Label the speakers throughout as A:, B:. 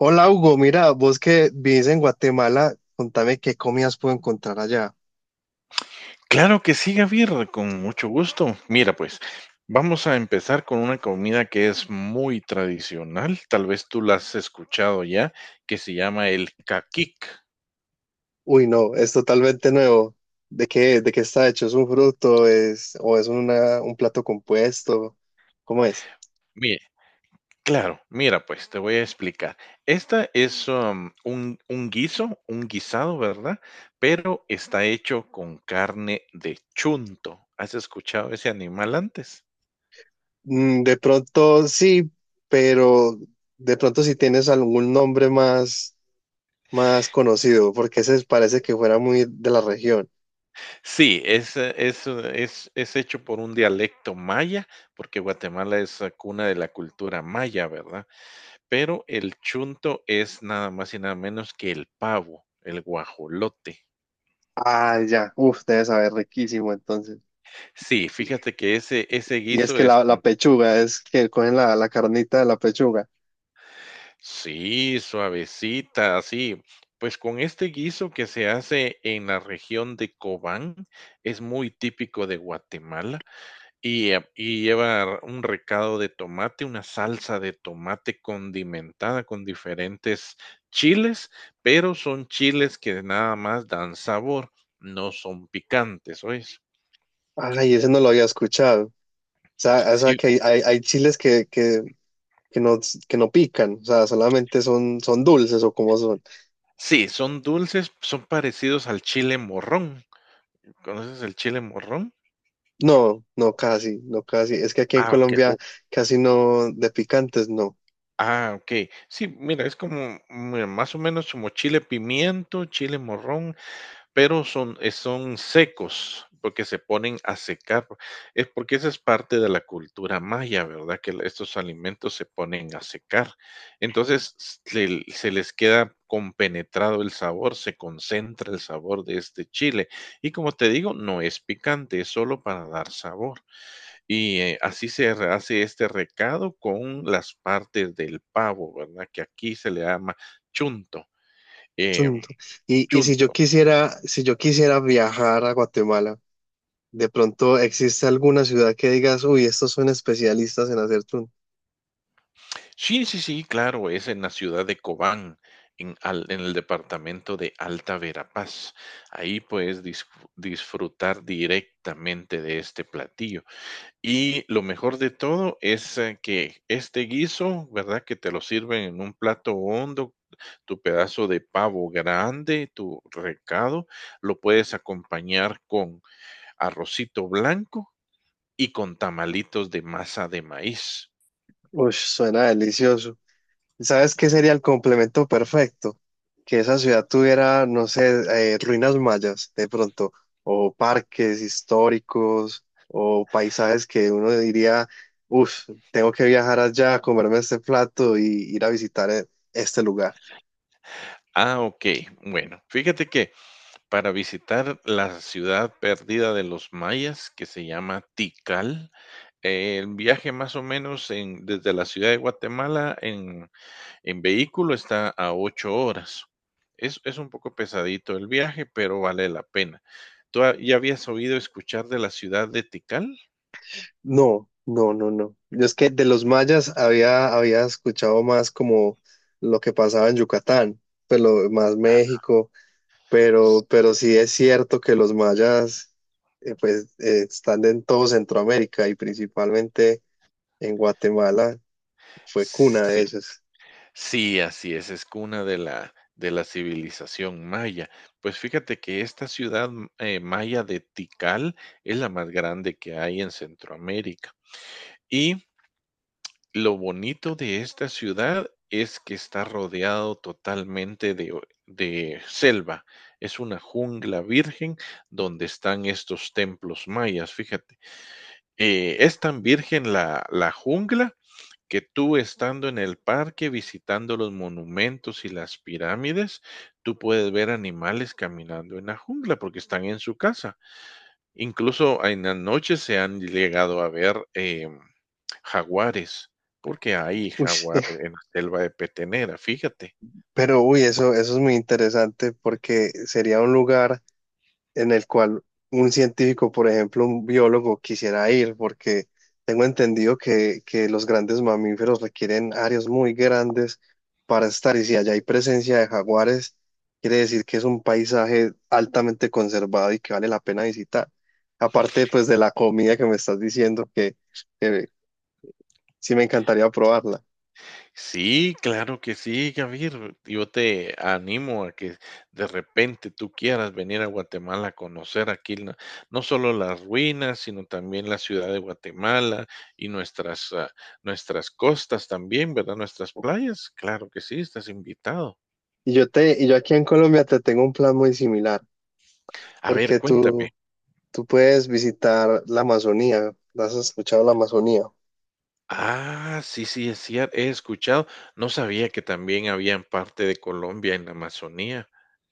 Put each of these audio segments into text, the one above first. A: Hola Hugo, mira, vos que vivís en Guatemala, contame qué comidas puedo encontrar allá.
B: Claro que sí, Javier, con mucho gusto. Mira, pues vamos a empezar con una comida que es muy tradicional, tal vez tú la has escuchado ya, que se llama el caquic.
A: Uy, no, es totalmente nuevo. De qué está hecho? ¿Es un fruto? ¿Es, o es una, un plato compuesto? ¿Cómo es?
B: Mire, claro, mira, pues te voy a explicar. Esta es un guiso, un guisado, ¿verdad? Pero está hecho con carne de chunto. ¿Has escuchado ese animal antes?
A: Mm, de pronto sí, pero de pronto si tienes algún nombre más, más conocido, porque ese parece que fuera muy de la región.
B: Sí, es hecho por un dialecto maya, porque Guatemala es cuna de la cultura maya, ¿verdad? Pero el chunto es nada más y nada menos que el pavo, el guajolote.
A: Ah, ya, uf, debe saber riquísimo entonces.
B: Sí, fíjate que ese
A: Y es
B: guiso
A: que
B: es
A: la
B: con,
A: pechuga, es que cogen la carnita de la pechuga.
B: sí, suavecita, así. Pues con este guiso que se hace en la región de Cobán, es muy típico de Guatemala. Y lleva un recado de tomate, una salsa de tomate condimentada con diferentes chiles, pero son chiles que nada más dan sabor, no son picantes, ¿oyes?
A: Ay, ese no lo había escuchado. O sea
B: Sí,
A: que hay chiles que no, que no pican, o sea, solamente son, son dulces o como son.
B: sí, son dulces, son parecidos al chile morrón. ¿Conoces el chile morrón?
A: No, no, casi, no, casi. Es que aquí en
B: Ah, ok.
A: Colombia casi no, de picantes, no.
B: Ah, ok. Sí, mira, es como, mira, más o menos como chile pimiento, chile morrón, pero son, son secos, porque se ponen a secar. Es porque esa es parte de la cultura maya, ¿verdad? Estos alimentos se ponen a secar. Entonces se les queda compenetrado el sabor, se concentra el sabor de este chile. Y como te digo, no es picante, es solo para dar sabor. Y hace este recado con las partes del pavo, ¿verdad? Que aquí se le llama chunto. em,
A: Chunto. Y si yo
B: Chunto.
A: quisiera, si yo quisiera viajar a Guatemala, de pronto existe alguna ciudad que digas, uy, estos son especialistas en hacer chunto.
B: Sí, sí, sí, claro, es en la ciudad de Cobán, en el departamento de Alta Verapaz. Ahí disfrutar directamente de este platillo. Y lo mejor de todo es que este guiso, ¿verdad? Que te lo sirven en un plato hondo, tu pedazo de pavo grande, tu recado, lo puedes acompañar con arrocito blanco y con tamalitos de masa de maíz.
A: Uy, suena delicioso. ¿Sabes qué sería el complemento perfecto? Que esa ciudad tuviera, no sé, ruinas mayas de pronto, o parques históricos, o paisajes que uno diría, uff, tengo que viajar allá, a comerme este plato y ir a visitar este lugar.
B: Ah, ok. Bueno, fíjate que para visitar la ciudad perdida de los mayas que se llama Tikal. El viaje más o menos desde la ciudad de Guatemala en vehículo está a ocho horas. Es un poco pesadito el viaje, pero vale la pena. ¿Ya habías oído escuchar de la ciudad de Tikal?
A: No, no, no, no. Yo es que de los mayas había, había escuchado más como lo que pasaba en Yucatán, pero más
B: Ah,
A: México.
B: s-
A: Pero sí es cierto que los mayas pues están en todo Centroamérica y principalmente en Guatemala fue cuna de
B: sí.
A: ellos.
B: Sí, así es cuna de la civilización maya. Pues fíjate que esta ciudad, maya de Tikal es la más grande que hay en Centroamérica. Y lo bonito de esta ciudad es que está rodeado totalmente de selva. Es una jungla virgen donde están estos templos mayas, fíjate. Es tan virgen la jungla que tú estando en el parque, visitando los monumentos y las pirámides, tú puedes ver animales caminando en la jungla porque están en su casa. Incluso en la noche se han llegado a ver jaguares, porque hay
A: Uy,
B: jaguar en la selva de Petenera, fíjate.
A: pero uy, eso es muy interesante porque sería un lugar en el cual un científico, por ejemplo, un biólogo quisiera ir, porque tengo entendido que los grandes mamíferos requieren áreas muy grandes para estar, y si allá hay presencia de jaguares, quiere decir que es un paisaje altamente conservado y que vale la pena visitar. Aparte, pues, de la comida que me estás diciendo, que sí me encantaría probarla.
B: Sí, claro que sí, Javier. Yo te animo a que de repente tú quieras venir a Guatemala a conocer aquí no, no solo las ruinas, sino también la ciudad de Guatemala y nuestras, nuestras costas también, ¿verdad? Nuestras playas. Claro que sí, estás invitado.
A: Y yo te, y yo aquí en Colombia te tengo un plan muy similar,
B: A ver,
A: porque
B: cuéntame.
A: tú puedes visitar la Amazonía. ¿Has escuchado la Amazonía?
B: Ah, sí, sí, es cierto. He escuchado. No sabía que también había en parte de Colombia en la Amazonía.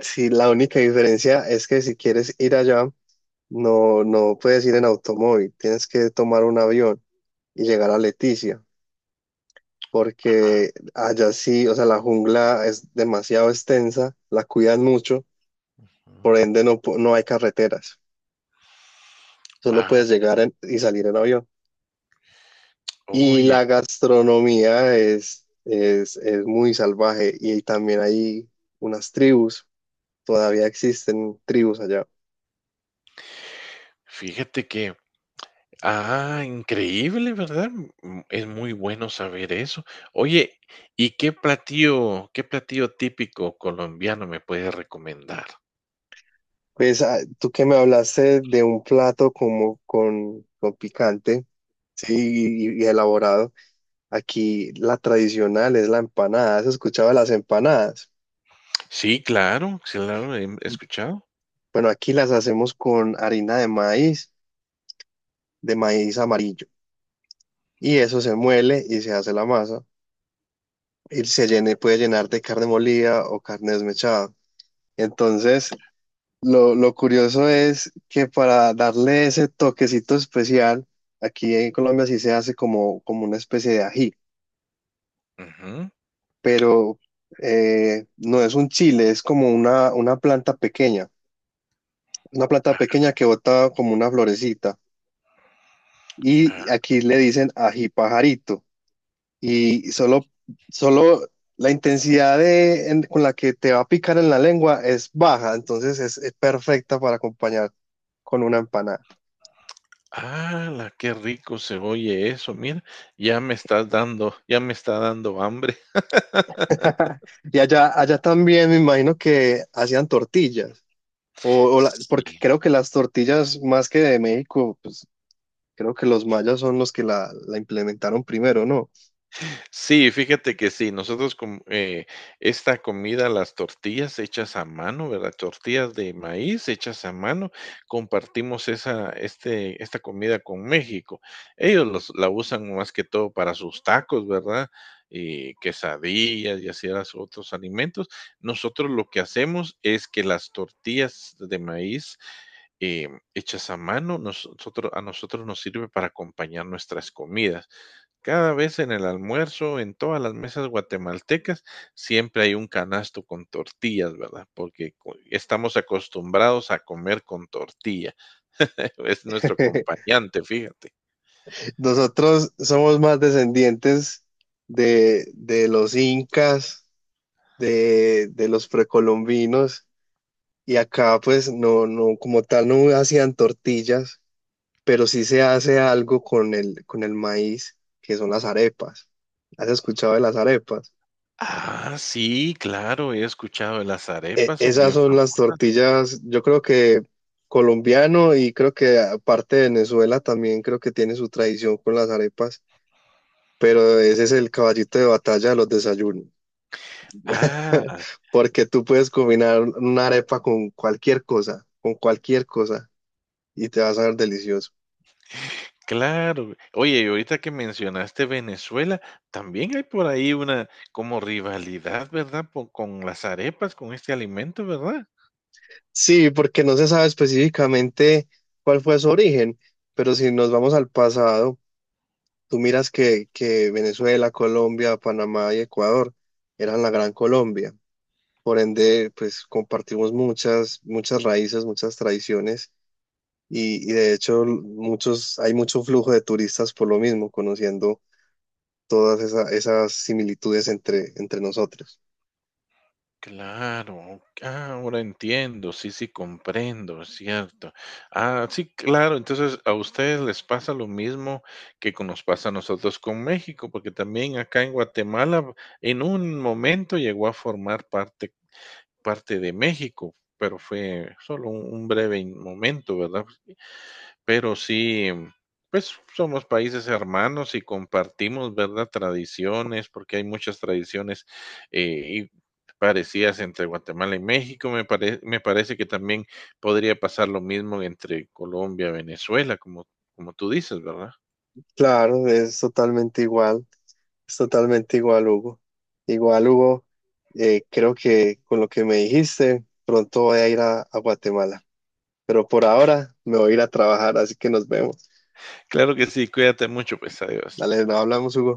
A: Sí, la única diferencia es que si quieres ir allá, no, no puedes ir en automóvil, tienes que tomar un avión y llegar a Leticia,
B: Ah,
A: porque allá sí, o sea, la jungla es demasiado extensa, la cuidan mucho,
B: ujú.
A: por ende no, no hay carreteras, solo
B: Ah,
A: puedes llegar y salir en avión. Y
B: oye,
A: la
B: claro.
A: gastronomía es muy salvaje y también hay unas tribus, todavía existen tribus allá.
B: Fíjate que ah, increíble, ¿verdad? Mm, es muy bueno saber eso. Oye, ¿y qué platillo típico colombiano me puedes recomendar?
A: Pues ah, tú que me hablaste de un plato como con picante, sí, y elaborado. Aquí la tradicional es la empanada. ¿Has escuchado de las empanadas?
B: Sí, claro, sí, claro, he escuchado.
A: Bueno, aquí las hacemos con harina de maíz amarillo. Y eso se muele y se hace la masa. Y se llene, puede llenar de carne molida o carne desmechada. Entonces, lo curioso es que para darle ese toquecito especial, aquí en Colombia sí se hace como, como una especie de ají.
B: Ujú.
A: Pero no es un chile, es como una planta
B: Ah,
A: pequeña que bota como una florecita. Y aquí le dicen ají pajarito. Y solo, solo la intensidad de, con la que te va a picar en la lengua es baja, entonces es perfecta para acompañar con una empanada.
B: Ala, qué rico se oye eso. Mira, ya me estás dando, ya me está dando hambre.
A: Y allá, allá también me imagino que hacían tortillas. O, porque
B: Sí.
A: creo que las tortillas más que de México, pues creo que los mayas son los que la implementaron primero, ¿no?
B: Sí, fíjate que sí, nosotros com esta comida, las tortillas hechas a mano, ¿verdad? Tortillas de maíz hechas a mano, compartimos esa este esta comida con México. Ellos los la usan más que todo para sus tacos, ¿verdad? Y quesadillas y así las otros alimentos. Nosotros lo que hacemos es que las tortillas de maíz, hechas a mano, nosotros a nosotros nos sirve para acompañar nuestras comidas. Cada vez en el almuerzo, en todas las mesas guatemaltecas, siempre hay un canasto con tortillas, ¿verdad? Estamos acostumbrados a comer con tortilla. Es nuestro acompañante, fíjate.
A: Nosotros somos más descendientes de los incas, de los precolombinos, y acá pues no, no, como tal no hacían tortillas, pero sí se hace algo con el maíz, que son las arepas. ¿Has escuchado de las arepas?
B: Ah, sí, claro, he escuchado las arepas, son
A: Esas
B: bien
A: son las
B: famosas.
A: tortillas, yo creo que colombiano y creo que aparte de Venezuela también creo que tiene su tradición con las arepas, pero ese es el caballito de batalla de los desayunos,
B: Ah,
A: porque tú puedes combinar una arepa con cualquier cosa y te va a saber delicioso.
B: claro. Oye, y ahorita que mencionaste Venezuela, también hay por ahí una como rivalidad, ¿verdad? Con las arepas, con este alimento, ¿verdad?
A: Sí, porque no se sabe específicamente cuál fue su origen, pero si nos vamos al pasado, tú miras que Venezuela, Colombia, Panamá y Ecuador eran la Gran Colombia. Por ende, pues compartimos muchas, muchas raíces, muchas tradiciones y de hecho muchos, hay mucho flujo de turistas por lo mismo, conociendo todas esas similitudes entre, entre nosotros.
B: Claro, ah, ahora entiendo, sí, sí, comprendo, es cierto. Ah, sí, claro, entonces a ustedes les pasa lo mismo nos pasa a nosotros con México, porque también acá en Guatemala en un momento llegó a formar parte, parte de México, pero fue solo un momento, ¿verdad? Pero sí, pues somos países hermanos y compartimos, ¿verdad? Tradiciones, porque hay muchas tradiciones y parecidas entre Guatemala y México. Me parece que también podría pasar lo mismo entre Colombia y Venezuela, como, como tú dices, ¿verdad?
A: Claro, es totalmente igual, Hugo. Igual, Hugo, creo que con lo que me dijiste, pronto voy a ir a Guatemala, pero por ahora me voy a ir a trabajar, así que nos vemos.
B: Claro que sí, cuídate mucho, pues adiós.
A: Dale, no hablamos, Hugo.